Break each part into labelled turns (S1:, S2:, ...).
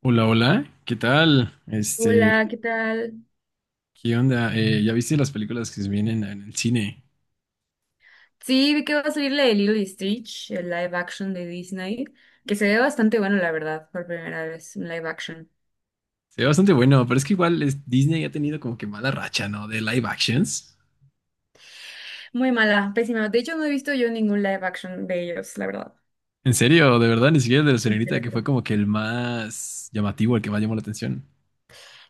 S1: Hola, hola, ¿qué tal?
S2: Hola, ¿qué tal?
S1: ¿Qué onda? ¿Ya viste las películas que se vienen en el cine?
S2: Sí, vi que va a salir la de Lilo y Stitch, el live action de Disney, que se ve bastante bueno, la verdad, por primera vez, un live action.
S1: Se ve bastante bueno, pero es que igual es- Disney ha tenido como que mala racha, ¿no? De live actions.
S2: Muy mala, pésima. De hecho, no he visto yo ningún live action de ellos, la verdad.
S1: En serio, de verdad, ni siquiera el de la
S2: Sí, te
S1: señorita,
S2: lo
S1: que
S2: juro.
S1: fue como que el más llamativo, el que más llamó la atención.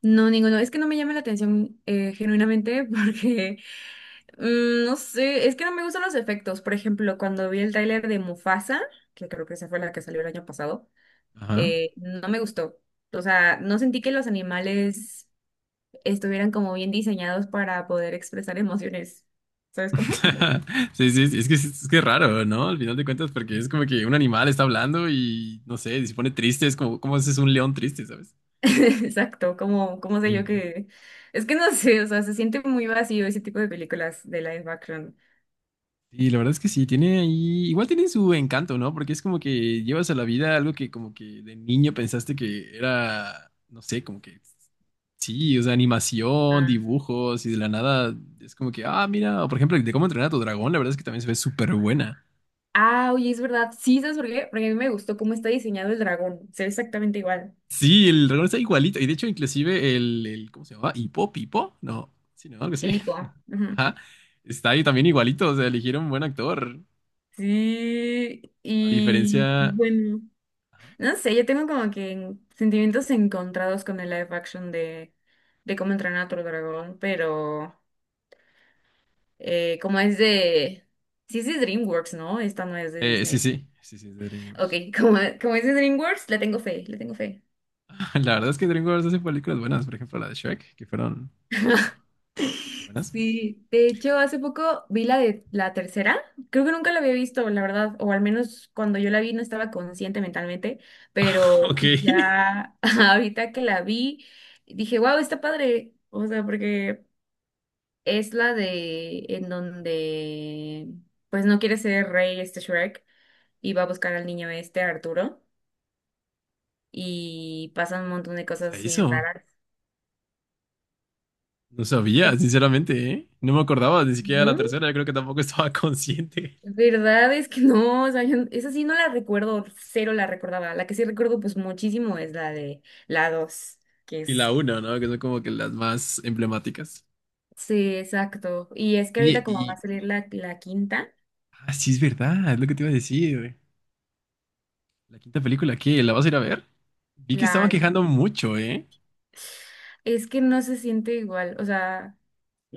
S2: No, ninguno. Es que no me llama la atención genuinamente porque, no sé, es que no me gustan los efectos. Por ejemplo, cuando vi el tráiler de Mufasa, que creo que esa fue la que salió el año pasado,
S1: Ajá.
S2: no me gustó. O sea, no sentí que los animales estuvieran como bien diseñados para poder expresar emociones. ¿Sabes cómo?
S1: Sí, sí, sí, es que es que es raro, ¿no? Al final de cuentas, porque es como que un animal está hablando y, no sé, si se pone triste, es como, ¿cómo haces un león triste, ¿sabes?
S2: Exacto, como, ¿cómo sé yo
S1: Sí.
S2: que...? Es que no sé, o sea, se siente muy vacío ese tipo de películas de live action.
S1: Y la verdad es que sí, tiene ahí, igual tiene su encanto, ¿no? Porque es como que llevas a la vida algo que como que de niño pensaste que era, no sé, como que sí, o sea, animación,
S2: Ah.
S1: dibujos y de la nada es como que, ah, mira, o por ejemplo, de cómo entrenar a tu dragón, la verdad es que también se ve súper buena.
S2: Ah, oye, es verdad. Sí, ¿sabes por qué? Porque a mí me gustó cómo está diseñado el dragón. Se ve exactamente igual.
S1: Sí, el dragón está igualito y de hecho inclusive el ¿cómo se llamaba? Hipo, Pipo, no, sí, no, algo así.
S2: El hipo. Ujú.
S1: Ajá. Está ahí también igualito, o sea, eligieron un buen actor,
S2: Sí,
S1: a
S2: y
S1: diferencia...
S2: bueno,
S1: Ajá.
S2: no sé, yo tengo como que sentimientos encontrados con el live action de cómo entrenar a tu dragón, pero... como es de... Sí es de DreamWorks, ¿no? Esta no es de
S1: Sí,
S2: Disney.
S1: sí, sí, sí, es de
S2: Ok,
S1: DreamWorks.
S2: como, como es de DreamWorks, le tengo fe, le tengo fe.
S1: La verdad es que DreamWorks hace películas buenas, por ejemplo la de Shrek, que fueron, como se Buenas.
S2: Sí, de hecho, hace poco vi la de la tercera. Creo que nunca la había visto, la verdad, o al menos cuando yo la vi no estaba consciente mentalmente,
S1: Ok.
S2: pero
S1: ¿Qué
S2: ya ahorita que la vi, dije, wow, está padre. O sea, porque es la de en donde pues no quiere ser rey este Shrek y va a buscar al niño este Arturo. Y pasan un montón de
S1: pasa
S2: cosas bien
S1: eso?
S2: raras.
S1: No sabía, sinceramente, ¿eh? No me acordaba ni siquiera de la
S2: ¿No?
S1: tercera, yo creo que tampoco estaba consciente.
S2: ¿Verdad? Es que no, o sea, yo- esa sí no la recuerdo, cero la recordaba. La que sí recuerdo pues muchísimo es la de la 2 que
S1: Y la
S2: es...
S1: una, ¿no? Que son como que las más emblemáticas.
S2: Sí, exacto. Y es que
S1: Oye,
S2: ahorita como va a
S1: y...
S2: salir la quinta,
S1: Ah, sí, es verdad, es lo que te iba a decir. Güey. La quinta película, ¿qué? ¿La vas a ir a ver? Vi que estaban
S2: la...
S1: quejando mucho, ¿eh?
S2: Es que no se siente igual, o sea,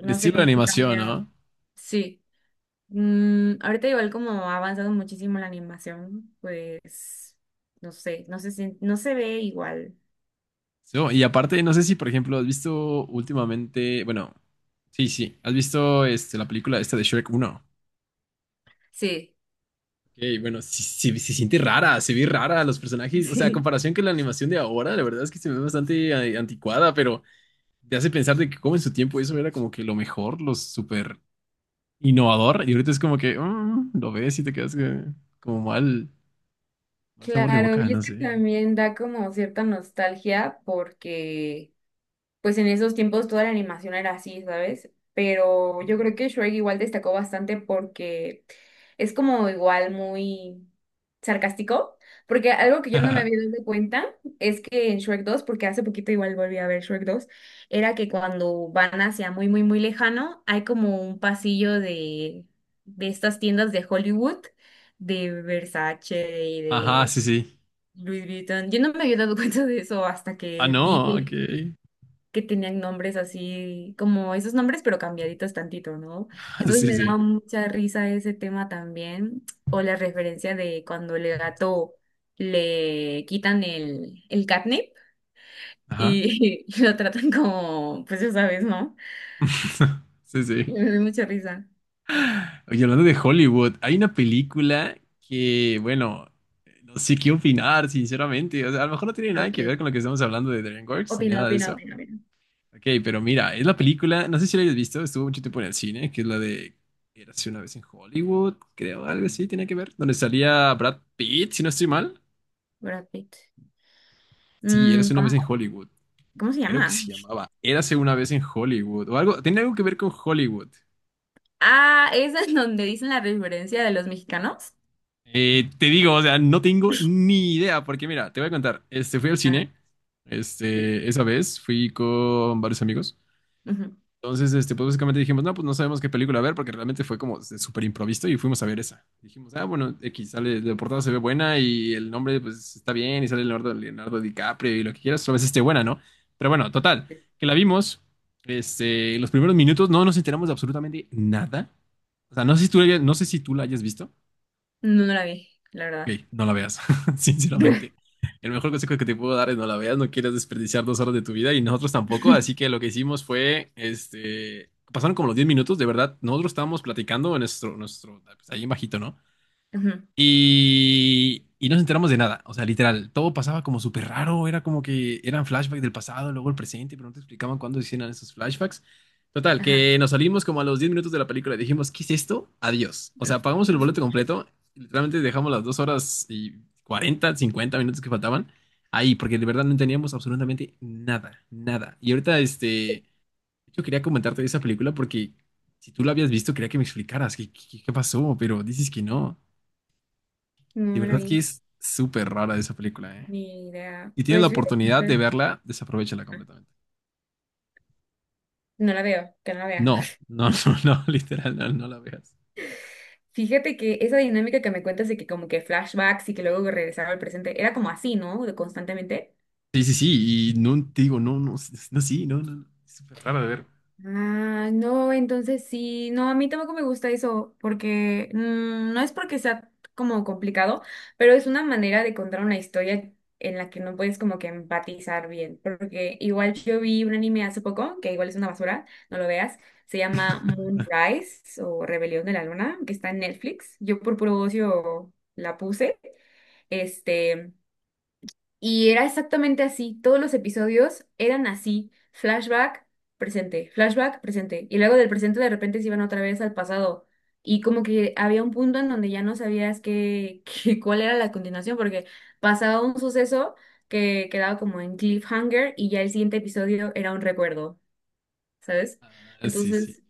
S1: El
S2: sé,
S1: estilo de
S2: como que
S1: animación,
S2: cambiaron.
S1: ¿no?
S2: Sí. Ahorita igual como ha avanzado muchísimo la animación, pues, no sé, no se sien- no se ve igual.
S1: So, y aparte, no sé si, por ejemplo, has visto últimamente, bueno, sí, sí, has visto la película esta de Shrek uno.
S2: Sí.
S1: Ok, bueno, sí, sí, se siente rara, se ve rara los personajes, o sea, a
S2: Sí.
S1: comparación que la animación de ahora, la verdad es que se ve bastante anticuada, pero te hace pensar de que como en su tiempo eso era como que lo mejor, lo súper innovador, y ahorita es como que lo ves y te quedas como mal, mal sabor de
S2: Claro,
S1: boca,
S2: y es
S1: no
S2: que
S1: sé.
S2: también da como cierta nostalgia porque pues en esos tiempos toda la animación era así, ¿sabes? Pero yo creo que Shrek igual destacó bastante porque es como igual muy sarcástico, porque algo que yo no me había dado cuenta es que en Shrek dos, porque hace poquito igual volví a ver Shrek dos, era que cuando van hacia muy, muy, muy lejano, hay como un pasillo de estas tiendas de Hollywood, de Versace y
S1: Ajá,
S2: de...
S1: sí, sí.
S2: Louis Vuitton. Yo no me había dado cuenta de eso hasta
S1: Ah,
S2: que vi
S1: no, ok.
S2: que tenían nombres así, como esos nombres, pero cambiaditos tantito, ¿no? Entonces
S1: Sí,
S2: me
S1: sí.
S2: daba mucha risa ese tema también, o la referencia de cuando el gato le quitan el catnip
S1: Ajá.
S2: y, lo tratan como, pues ya sabes, ¿no?
S1: Sí,
S2: Y
S1: sí.
S2: me dio mucha risa.
S1: Oye, hablando de Hollywood, hay una película que, bueno, no sé qué opinar, sinceramente. O sea, a lo mejor no tiene nada que
S2: Ok.
S1: ver con lo que estamos hablando de DreamWorks ni
S2: Opina,
S1: nada de
S2: opina,
S1: eso.
S2: opina, opina.
S1: Ok, pero mira, es la película, no sé si la hayas visto, estuvo mucho tiempo en el cine, que es la de Érase una vez en Hollywood, creo, algo así, tiene que ver, donde salía Brad Pitt, si no estoy mal.
S2: Brad Pitt.
S1: Sí, Érase
S2: Mm,
S1: una vez en
S2: ¿cómo,
S1: Hollywood.
S2: cómo se
S1: Creo que
S2: llama?
S1: se llamaba Érase una vez en Hollywood o algo, tenía algo que ver con Hollywood.
S2: Ah, esa es donde dicen la referencia de los mexicanos.
S1: Te digo, o sea, no tengo ni idea, porque mira, te voy a contar, fui al
S2: Ajá,
S1: cine,
S2: sí.
S1: esa vez fui con varios amigos,
S2: Ujú.
S1: entonces, pues básicamente dijimos, no, pues no sabemos qué película ver, porque realmente fue como de súper improviso y fuimos a ver esa. Dijimos, ah, bueno, X, sale, la portada se ve buena y el nombre, pues, está bien y sale Leonardo DiCaprio y lo que quieras, tal vez esté buena, ¿no? Pero bueno, total, que la vimos, los primeros minutos no nos enteramos de absolutamente nada, o sea, no sé si tú, la hayas- no sé si tú la hayas visto.
S2: No, no la vi, la verdad.
S1: Ok, no la veas, sinceramente. El mejor consejo que te puedo dar es no la veas, no quieres desperdiciar 2 horas de tu vida y nosotros tampoco, así que lo que hicimos fue, pasaron como los 10 minutos, de verdad, nosotros estábamos platicando en pues, ahí en bajito, ¿no?
S2: Ajá,
S1: Y no nos enteramos de nada. O sea, literal, todo pasaba como súper raro. Era como que eran flashbacks del pasado, luego el presente, pero no te explicaban cuándo hicieron esos flashbacks. Total,
S2: ajá.
S1: que nos salimos como a los 10 minutos de la película y dijimos, ¿qué es esto? Adiós. O sea, pagamos el boleto completo. Literalmente dejamos las 2 horas y 40 50 minutos que faltaban ahí, porque de verdad no teníamos absolutamente nada, nada. Y ahorita, yo quería comentarte de esa película porque si tú la habías visto, quería que me explicaras qué, qué pasó, pero dices que no. De
S2: No la
S1: verdad que
S2: vi,
S1: es súper rara esa película, ¿eh?
S2: ni idea.
S1: Y tienes la
S2: Pues fíjate que
S1: oportunidad de
S2: ahorita...
S1: verla, desaprovechala
S2: Ajá,
S1: completamente.
S2: no la veo, que no la vea.
S1: No, no, no, no, literal, no, no la veas.
S2: Fíjate que esa dinámica que me cuentas de que como que flashbacks y que luego regresaba al presente, era como así, ¿no? De constantemente.
S1: Sí, sí, sí, y no te digo, no, no, no, sí, no, no, no, es súper rara de ver.
S2: Ah, no, entonces sí, no, a mí tampoco me gusta eso, porque mm, no es porque sea como complicado, pero es una manera de contar una historia en la que no puedes como que empatizar bien, porque igual yo vi un anime hace poco, que igual es una basura, no lo veas, se llama Moonrise o Rebelión de la Luna, que está en Netflix, yo por puro ocio la puse, este... Y era exactamente así, todos los episodios eran así, flashback, presente, flashback, presente. Y luego del presente de repente se iban otra vez al pasado. Y como que había un punto en donde ya no sabías qué, qué- cuál era la continuación, porque pasaba un suceso que quedaba como en cliffhanger y ya el siguiente episodio era un recuerdo, ¿sabes?
S1: Ah, sí, sí.
S2: Entonces,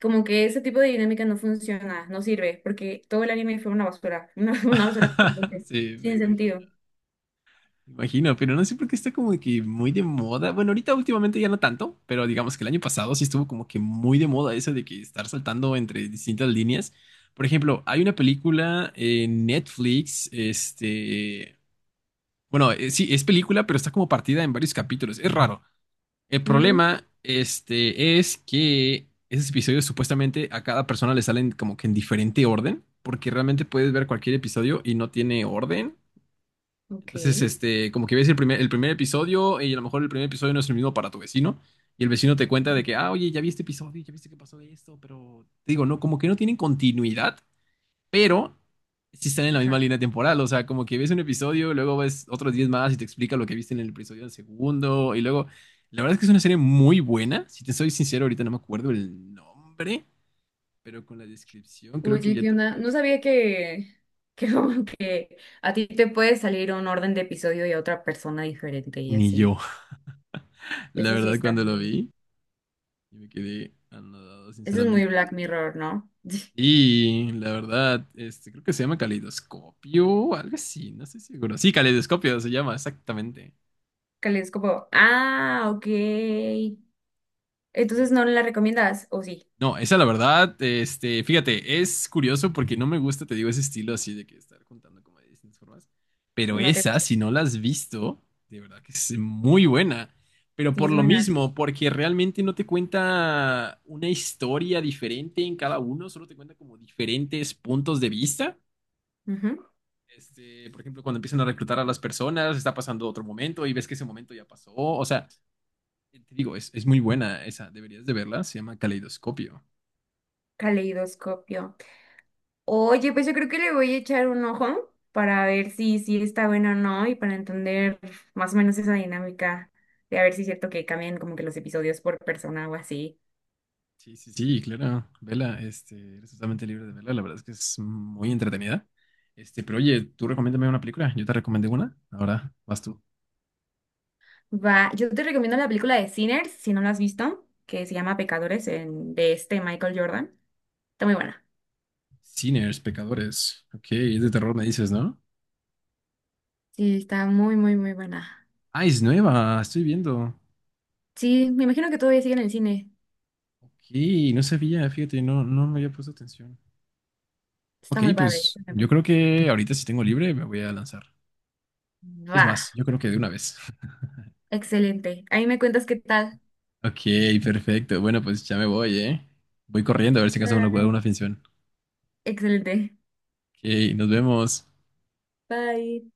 S2: como que ese tipo de dinámica no funciona, no sirve, porque todo el anime fue una basura, una basura completa,
S1: Sí, me
S2: sin
S1: imagino.
S2: sentido.
S1: Me imagino, pero no sé por qué está como que muy de moda. Bueno, ahorita últimamente ya no tanto, pero digamos que el año pasado sí estuvo como que muy de moda eso de que estar saltando entre distintas líneas. Por ejemplo, hay una película en Netflix, bueno, sí, es película, pero está como partida en varios capítulos. Es raro. El
S2: Mm,
S1: problema, es que esos episodios supuestamente a cada persona le salen como que en diferente orden, porque realmente puedes ver cualquier episodio y no tiene orden.
S2: ok.
S1: Entonces, como que ves el primer episodio y a lo mejor el primer episodio no es el mismo para tu vecino. Y el vecino te cuenta de que, ah, oye, ya vi este episodio, ya viste que pasó de esto, pero te digo, no, como que no tienen continuidad pero sí están en la misma
S2: Ajá.
S1: línea temporal. O sea, como que ves un episodio, luego ves otros 10 más y te explica lo que viste en el episodio del segundo. Y luego, la verdad es que es una serie muy buena. Si te soy sincero, ahorita no me acuerdo el nombre, pero con la descripción creo que
S2: Oye,
S1: ya
S2: ¿qué
S1: te
S2: onda? No
S1: puedes.
S2: sabía que, que como que a ti te puede salir un orden de episodio y a otra persona diferente y
S1: Ni
S2: así.
S1: yo. La
S2: Eso sí
S1: verdad,
S2: está
S1: cuando lo
S2: muy,
S1: vi, yo me quedé anodado,
S2: eso es muy
S1: sinceramente.
S2: Black Mirror, ¿no?
S1: Y la verdad, creo que se llama caleidoscopio, algo así, no estoy seguro. Sí, caleidoscopio se llama, exactamente.
S2: Que es como, ah, ok.
S1: Sí.
S2: Entonces no la recomiendas, ¿o sí,
S1: No, esa la verdad, fíjate, es curioso porque no me gusta, te digo, ese estilo así de que estar contando como de distintas formas. Pero
S2: no te
S1: esa,
S2: gusta?
S1: si no la has visto, de verdad que es muy buena. Pero
S2: Sí,
S1: por
S2: es
S1: lo
S2: buena.
S1: mismo, porque realmente no te cuenta una historia diferente en cada uno, solo te cuenta como diferentes puntos de vista.
S2: Ujú.
S1: Por ejemplo, cuando empiezan a reclutar a las personas, está pasando otro momento y ves que ese momento ya pasó. O sea, te digo, es muy buena esa, deberías de verla, se llama Caleidoscopio.
S2: Caleidoscopio. Oye, pues yo creo que le voy a echar un ojo para ver si, si está bueno o no y para entender más o menos esa dinámica de a ver si es cierto que cambian como que los episodios por persona o así.
S1: Sí, sí, sí, claro, vela, eres totalmente libre de verla, la verdad es que es muy entretenida. Pero oye, tú recomiéndame una película, yo te recomendé una, ahora vas tú.
S2: Va, yo te recomiendo la película de Sinners, si no la has visto, que se llama Pecadores, en- de este Michael Jordan. Está muy buena.
S1: Sinners, pecadores, ok, es de
S2: Ujú.
S1: terror me dices, ¿no?
S2: Sí, está muy, muy, muy buena.
S1: Ah, es nueva, estoy viendo.
S2: Sí, me imagino que todavía sigue en el cine.
S1: Ok, no sabía, fíjate, no, no me había puesto atención.
S2: Está
S1: Ok,
S2: muy padre.
S1: pues
S2: Está muy
S1: yo
S2: padre.
S1: creo que ahorita si tengo libre me voy a lanzar. Es
S2: Va,
S1: más, yo creo que de una vez.
S2: excelente. Ahí me cuentas qué tal.
S1: Ok, perfecto, bueno, pues ya me voy, ¿eh? Voy corriendo a ver si acaso uno puede una
S2: Bye.
S1: finción.
S2: Excelente.
S1: Ok, nos vemos.
S2: Bye.